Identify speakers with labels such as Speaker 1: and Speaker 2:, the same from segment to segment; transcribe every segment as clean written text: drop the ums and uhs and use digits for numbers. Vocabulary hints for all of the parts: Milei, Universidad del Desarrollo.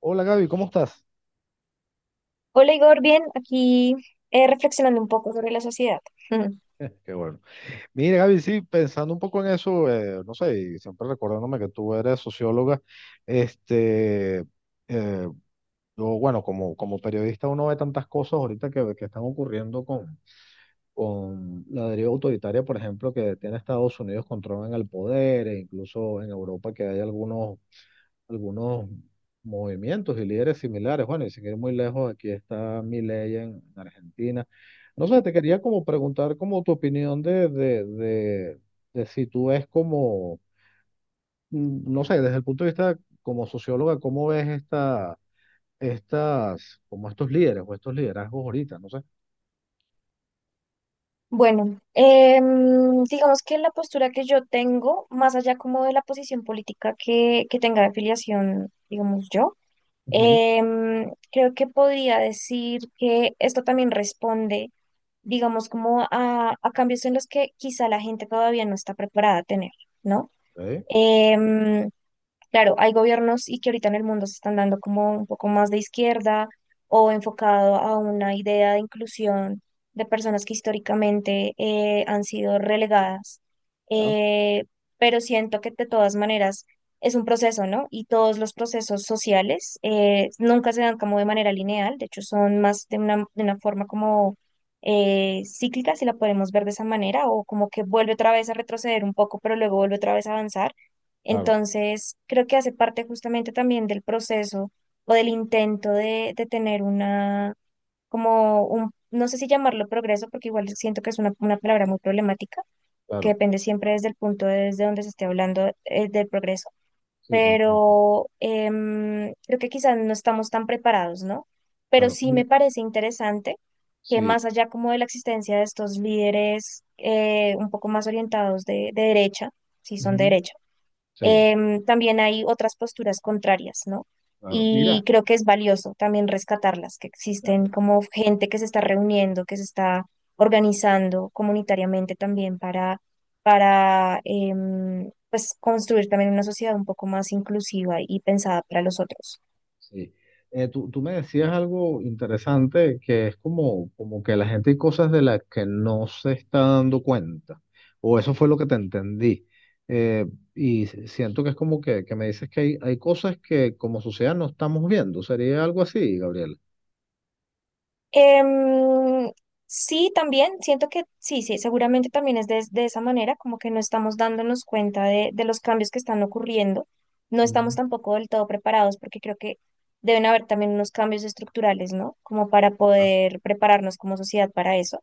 Speaker 1: Hola Gaby, ¿cómo estás?
Speaker 2: Hola Igor, bien, aquí reflexionando un poco sobre la sociedad. Ujú.
Speaker 1: Qué bueno. Mira Gaby, sí, pensando un poco en eso, no sé, y siempre recordándome que tú eres socióloga, este, eh, yo, bueno, como periodista uno ve tantas cosas ahorita que están ocurriendo con la deriva autoritaria, por ejemplo, que tiene Estados Unidos controlan el poder, e incluso en Europa que hay algunos movimientos y líderes similares. Bueno, y sin ir muy lejos, aquí está Milei en Argentina. No sé, te quería como preguntar como tu opinión de si tú ves no sé, desde el punto de vista como socióloga, ¿cómo ves como estos líderes o estos liderazgos ahorita? No sé.
Speaker 2: Bueno, digamos que la postura que yo tengo, más allá como de la posición política que tenga de afiliación, digamos yo,
Speaker 1: Ujú.
Speaker 2: creo que podría decir que esto también responde, digamos, como a cambios en los que quizá la gente todavía no está preparada a tener, ¿no?
Speaker 1: Sí,
Speaker 2: Em, Claro, hay gobiernos y que ahorita en el mundo se están dando como un poco más de izquierda o enfocado a una idea de inclusión de personas que históricamente han sido relegadas.
Speaker 1: ya.
Speaker 2: Eh, pero siento que de todas maneras es un proceso, ¿no? Y todos los procesos sociales nunca se dan como de manera lineal, de hecho son más de una forma como cíclica, si la podemos ver de esa manera, o como que vuelve otra vez a retroceder un poco, pero luego vuelve otra vez a avanzar.
Speaker 1: Claro,
Speaker 2: Entonces, creo que hace parte justamente también del proceso o del intento de tener una, como un, no sé si llamarlo progreso, porque igual siento que es una palabra muy problemática, que
Speaker 1: claro.
Speaker 2: depende siempre desde el punto de- desde donde se esté hablando del progreso,
Speaker 1: Sí, te entiendo.
Speaker 2: pero creo que quizás no estamos tan preparados, ¿no? Pero
Speaker 1: Claro.
Speaker 2: sí
Speaker 1: Mira,
Speaker 2: me parece interesante que
Speaker 1: sí.
Speaker 2: más allá como de la existencia de estos líderes un poco más orientados de derecha, si son de
Speaker 1: Ujú,
Speaker 2: derecha,
Speaker 1: sí,
Speaker 2: también hay otras posturas contrarias, ¿no?
Speaker 1: claro.
Speaker 2: Y
Speaker 1: Mira.
Speaker 2: creo que es valioso también rescatarlas, que existen como gente que se está reuniendo, que se está organizando comunitariamente también para pues construir también una sociedad un poco más inclusiva y pensada para los otros.
Speaker 1: Sí. Tú me decías algo interesante que es como que la gente hay cosas de las que no se está dando cuenta, o eso fue lo que te entendí. Eh, y siento que es como que me dices que hay cosas que como sociedad no estamos viendo. Sería algo así, Gabriel.
Speaker 2: Em, sí, también siento que sí, sí, seguramente también es de esa manera, como que no estamos dándonos cuenta de los cambios que están ocurriendo, no estamos
Speaker 1: Ujú.
Speaker 2: tampoco del todo preparados porque creo que deben haber también unos cambios estructurales, ¿no? Como para
Speaker 1: Ah,
Speaker 2: poder prepararnos como sociedad para eso.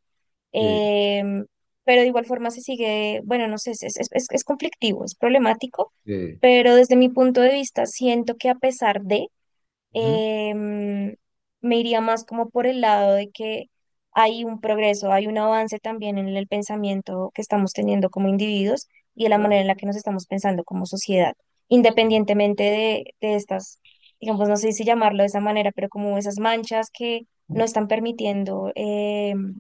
Speaker 1: sí,
Speaker 2: Em, pero de igual forma se sigue, bueno, no sé, es conflictivo, es problemático,
Speaker 1: sí.
Speaker 2: pero desde mi punto de vista siento que a pesar de
Speaker 1: Ujú.
Speaker 2: em, me iría más como por el lado de que hay un progreso, hay un avance también en el pensamiento que estamos teniendo como individuos y de la manera
Speaker 1: Ya,
Speaker 2: en la que nos estamos pensando como sociedad,
Speaker 1: sí,
Speaker 2: independientemente de estas, digamos, no sé si llamarlo de esa manera, pero como esas manchas que no están permitiendo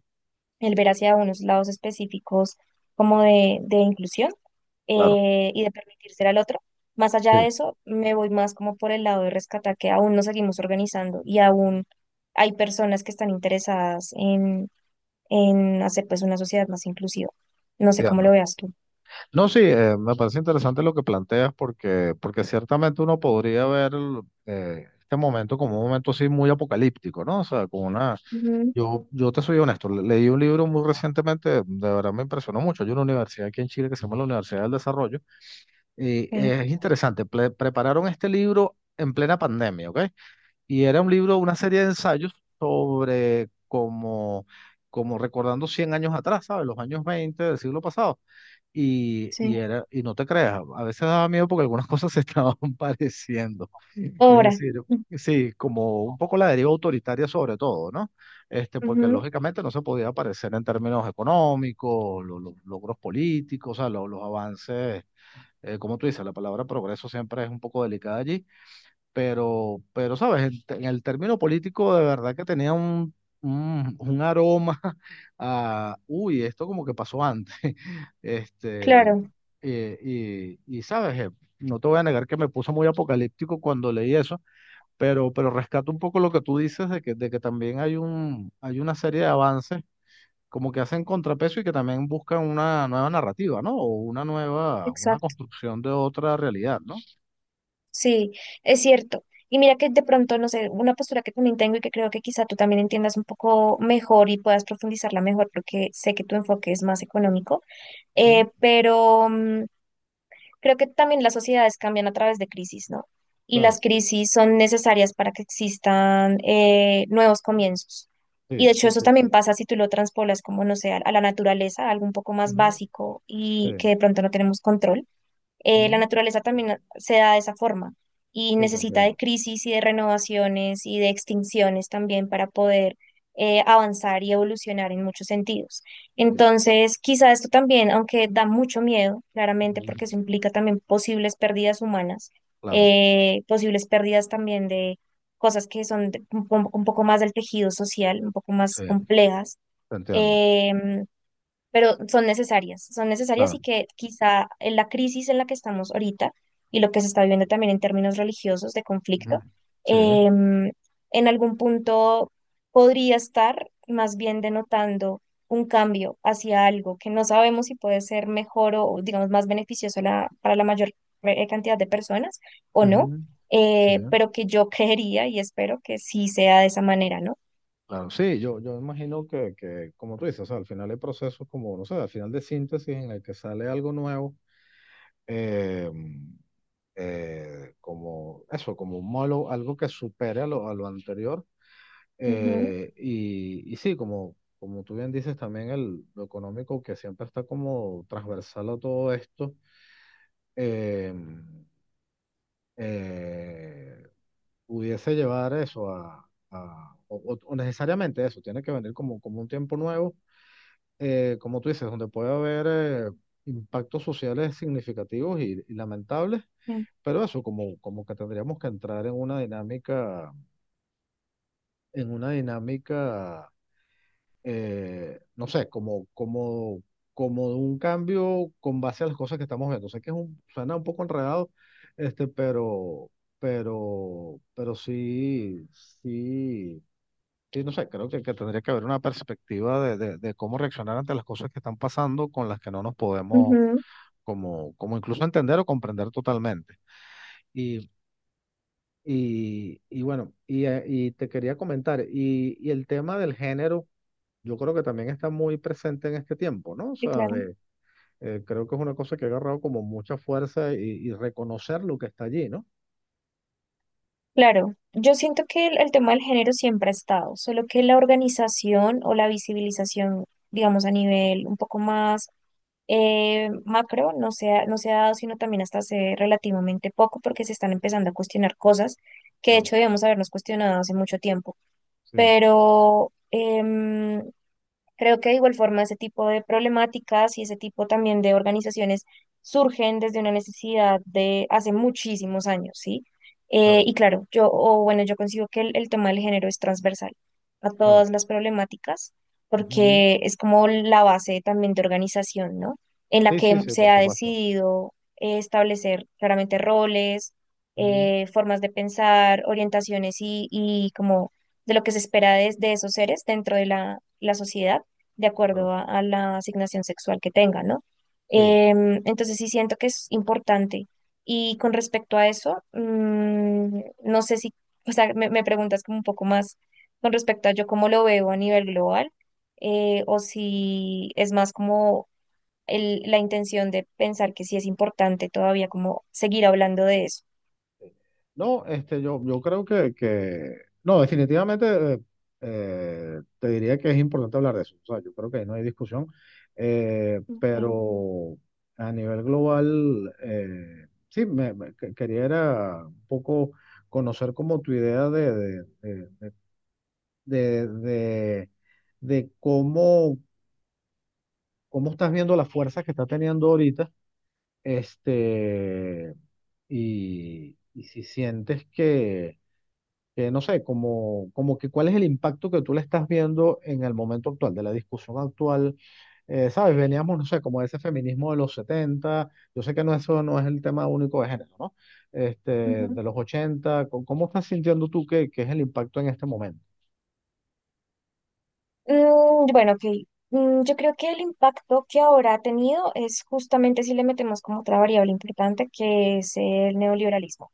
Speaker 2: el ver hacia unos lados específicos como de inclusión
Speaker 1: claro.
Speaker 2: y de permitirse al otro. Más
Speaker 1: Sí,
Speaker 2: allá de eso, me voy más como por el lado de rescatar que aún nos seguimos organizando y aún hay personas que están interesadas en hacer pues una sociedad más inclusiva. No sé cómo lo
Speaker 1: entiendo.
Speaker 2: veas tú.
Speaker 1: No, sí, me parece interesante lo que planteas porque ciertamente uno podría ver este momento como un momento así muy apocalíptico, ¿no? O sea, con una.
Speaker 2: Ujú.
Speaker 1: Yo te soy honesto, leí un libro muy recientemente, de verdad me impresionó mucho. Hay una universidad aquí en Chile que se llama la Universidad del Desarrollo y
Speaker 2: Sí,
Speaker 1: es interesante, prepararon este libro en plena pandemia, ¿ok? Y era un libro, una serie de ensayos sobre como recordando 100 años atrás, ¿sabes? Los años 20 del siglo pasado.
Speaker 2: sí.
Speaker 1: Y no te creas, a veces daba miedo porque algunas cosas se estaban pareciendo. Es
Speaker 2: Ahora,
Speaker 1: decir, sí, como un poco la deriva autoritaria sobre todo, ¿no? Este, porque
Speaker 2: ujú,
Speaker 1: lógicamente no se podía parecer en términos económicos, los logros políticos, o sea, los avances, como tú dices, la palabra progreso siempre es un poco delicada allí pero sabes, en el término político de verdad que tenía un aroma a, uy, esto como que pasó antes. Este,
Speaker 2: claro,
Speaker 1: y sabes, no te voy a negar que me puso muy apocalíptico cuando leí eso, pero rescato un poco lo que tú dices de que también hay hay una serie de avances, como que hacen contrapeso y que también buscan una nueva narrativa, ¿no? O una nueva, una
Speaker 2: exacto.
Speaker 1: construcción de otra realidad, ¿no?
Speaker 2: Sí, es cierto. Y mira que de pronto, no sé, una postura que también tengo y que creo que quizá tú también entiendas un poco mejor y puedas profundizarla mejor porque sé que tu enfoque es más económico.
Speaker 1: Ujú,
Speaker 2: Eh, pero mm, creo que también las sociedades cambian a través de crisis, ¿no? Y
Speaker 1: claro,
Speaker 2: las crisis son necesarias para que existan nuevos comienzos. Y
Speaker 1: sí,
Speaker 2: de hecho
Speaker 1: sí,
Speaker 2: eso también pasa si tú lo transpolas como, no sé, a la naturaleza, algo un poco
Speaker 1: sí.
Speaker 2: más básico y que
Speaker 1: Sí,
Speaker 2: de pronto no tenemos control. La
Speaker 1: ujú,
Speaker 2: naturaleza también se da de esa forma y
Speaker 1: sí, te
Speaker 2: necesita de
Speaker 1: entiendo.
Speaker 2: crisis y de renovaciones y de extinciones también para poder avanzar y evolucionar en muchos sentidos.
Speaker 1: Sí,
Speaker 2: Entonces, quizá esto también, aunque da mucho miedo, claramente,
Speaker 1: ujú,
Speaker 2: porque eso implica también posibles pérdidas humanas,
Speaker 1: claro,
Speaker 2: posibles pérdidas también de cosas que son de- un, po- un poco más del tejido social, un poco
Speaker 1: sí,
Speaker 2: más complejas.
Speaker 1: te entiendo,
Speaker 2: em, pero son necesarias
Speaker 1: claro.
Speaker 2: y que quizá en la crisis en la que estamos ahorita y lo que se está viviendo también en términos religiosos de
Speaker 1: Ujú,
Speaker 2: conflicto,
Speaker 1: sí,
Speaker 2: em, en algún punto podría estar más bien denotando un cambio hacia algo que no sabemos si puede ser mejor o, digamos, más beneficioso la- para la mayor cantidad de personas o no,
Speaker 1: ujú, sí,
Speaker 2: pero que yo creería y espero que sí sea de esa manera, ¿no?
Speaker 1: claro. Sí, yo imagino que, como tú dices, o sea, al final hay procesos como, no sé, al final de síntesis en el que sale algo nuevo, eh, como eso, como un molo, algo que supere a lo anterior.
Speaker 2: Ujú,
Speaker 1: Y sí, como tú bien dices, también el, lo económico que siempre está como transversal a todo esto. eh, eh, pudiese llevar eso o necesariamente eso, tiene que venir como un tiempo nuevo, como tú dices, donde puede haber eh, impactos sociales significativos y lamentables, pero eso como que tendríamos que entrar en una dinámica no sé, como de un cambio con base a las cosas que estamos viendo. Sé que es suena un poco enredado, este, pero, pero sí, sí, sí, no sé, creo que tendría que haber una perspectiva de cómo reaccionar ante las cosas que están pasando con las que no nos podemos
Speaker 2: ujú,
Speaker 1: como incluso entender o comprender totalmente. Y, y bueno, y te quería comentar, y el tema del género yo creo que también está muy presente en este tiempo, ¿no? O
Speaker 2: sí,
Speaker 1: sea,
Speaker 2: claro.
Speaker 1: de, creo que es una cosa que ha agarrado como mucha fuerza y reconocer lo que está allí, ¿no?
Speaker 2: Claro, yo siento que el tema del género siempre ha estado, solo que la organización o la visibilización, digamos, a nivel un poco más macro, no se ha, no se ha dado, sino también hasta hace relativamente poco, porque se están empezando a cuestionar cosas que de
Speaker 1: Claro,
Speaker 2: hecho debemos habernos cuestionado hace mucho tiempo.
Speaker 1: sí,
Speaker 2: Pero, creo que de igual forma ese tipo de problemáticas y ese tipo también de organizaciones surgen desde una necesidad de hace muchísimos años, ¿sí?
Speaker 1: claro,
Speaker 2: Y claro, yo, o bueno, yo consigo que el tema del género es transversal a
Speaker 1: claro.
Speaker 2: todas las problemáticas,
Speaker 1: Ujú.
Speaker 2: porque es como la base también de organización, ¿no? En la
Speaker 1: Sí, sí,
Speaker 2: que
Speaker 1: sí,
Speaker 2: se
Speaker 1: por
Speaker 2: ha
Speaker 1: supuesto.
Speaker 2: decidido establecer claramente roles,
Speaker 1: Ujú.
Speaker 2: formas de pensar, orientaciones y como de lo que se espera de esos seres dentro de la la sociedad de
Speaker 1: Claro,
Speaker 2: acuerdo a la asignación sexual que tenga, ¿no?
Speaker 1: sí.
Speaker 2: Entonces sí siento que es importante. Y con respecto a eso, mm, no sé si, o sea, me preguntas como un poco más con respecto a yo cómo lo veo a nivel global, o si es más como el- la intención de pensar que sí es importante todavía como seguir hablando de eso.
Speaker 1: No, este, yo creo no, definitivamente te diría que es importante hablar de eso. O sea, yo creo que ahí no hay discusión, pero a nivel global, sí, quería era un poco conocer como tu idea de, de- de cómo estás viendo las fuerzas que está teniendo ahorita, este, y si sientes que no sé, como, como que cuál es el impacto que tú le estás viendo en el momento actual, de la discusión actual. ¿Sabes? Veníamos, no sé, como de ese feminismo de los setenta. Yo sé que no, eso no es el tema único de género, ¿no? Este,
Speaker 2: Ok.
Speaker 1: de los 80 ¿cómo estás sintiendo tú que es el impacto en este momento?
Speaker 2: Mm, bueno, ok. Mm, yo creo que el impacto que ahora ha tenido es justamente si le metemos como otra variable importante, que es el neoliberalismo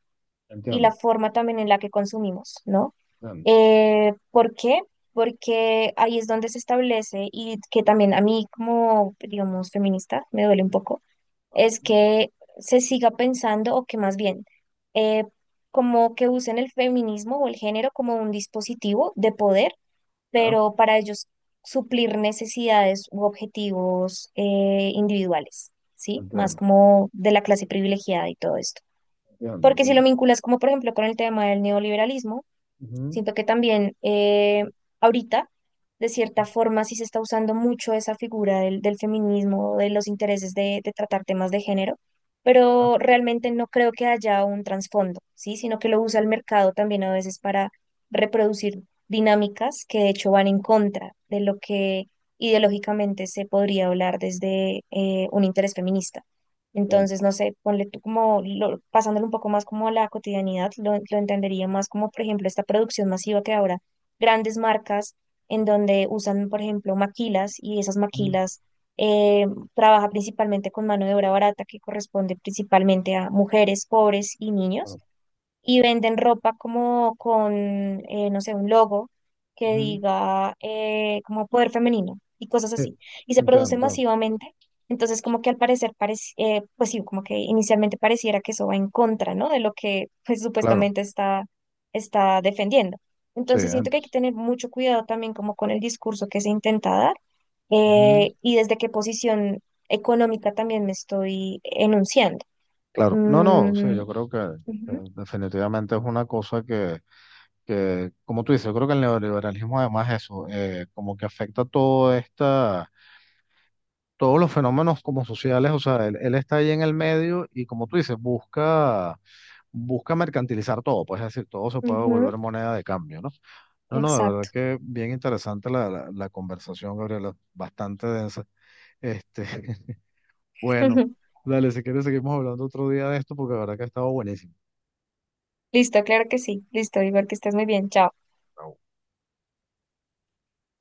Speaker 2: y la
Speaker 1: Entiendo,
Speaker 2: forma también en la que consumimos, ¿no?
Speaker 1: entiendo,
Speaker 2: ¿Por qué? Porque ahí es donde se establece y que también a mí como, digamos, feminista me duele un poco, es que se siga pensando o que más bien... eh, como que usen el feminismo o el género como un dispositivo de poder
Speaker 1: ya,
Speaker 2: pero para ellos suplir necesidades u objetivos individuales, ¿sí? Más
Speaker 1: entiendo,
Speaker 2: como de la clase privilegiada y todo esto.
Speaker 1: entiendo,
Speaker 2: Porque si
Speaker 1: entiendo,
Speaker 2: lo vinculas como por ejemplo con el tema del neoliberalismo,
Speaker 1: ujú,
Speaker 2: siento que también ahorita, de cierta forma, sí se está usando mucho esa figura del, del feminismo, de los intereses de tratar temas de género, pero realmente no creo que haya un trasfondo, ¿sí? Sino que lo usa el mercado también a veces para reproducir dinámicas que de hecho van en contra de lo que ideológicamente se podría hablar desde un interés feminista.
Speaker 1: entiendo.
Speaker 2: Entonces, no sé, ponle tú como, lo- pasándolo un poco más como a la cotidianidad, lo entendería más como, por ejemplo, esta producción masiva que ahora grandes marcas en donde usan, por ejemplo, maquilas y esas
Speaker 1: Ujú,
Speaker 2: maquilas eh, trabaja principalmente con mano de obra barata que corresponde principalmente a mujeres, pobres y niños
Speaker 1: claro,
Speaker 2: y venden ropa como con, no sé, un logo que
Speaker 1: ujú.
Speaker 2: diga como poder femenino y cosas
Speaker 1: Sí,
Speaker 2: así. Y se
Speaker 1: entiendo,
Speaker 2: produce
Speaker 1: entiendo.
Speaker 2: masivamente. Entonces, como que al parecer, parec- pues sí, como que inicialmente pareciera que eso va en contra, ¿no? De lo que pues
Speaker 1: Claro,
Speaker 2: supuestamente está, está defendiendo.
Speaker 1: sí,
Speaker 2: Entonces, siento
Speaker 1: entiendo.
Speaker 2: que hay que tener mucho cuidado también como con el discurso que se intenta dar y desde qué posición económica también me estoy enunciando.
Speaker 1: Claro, no, no, sí,
Speaker 2: Mm,
Speaker 1: yo creo que
Speaker 2: ujú,
Speaker 1: definitivamente es una cosa que, como tú dices, yo creo que el neoliberalismo además es eso, como que afecta todos los fenómenos como sociales, o sea, él está ahí en el medio y como tú dices, busca mercantilizar todo, pues es decir, todo se puede
Speaker 2: ujú.
Speaker 1: volver moneda de cambio, ¿no? No, no, de verdad
Speaker 2: Exacto.
Speaker 1: que bien interesante la conversación, Gabriela, bastante densa. Este, bueno, dale, si quieres seguimos hablando otro día de esto porque de verdad que ha estado buenísimo.
Speaker 2: Listo, claro que sí. Listo, Igor, que estés muy bien. Chao.
Speaker 1: Ah,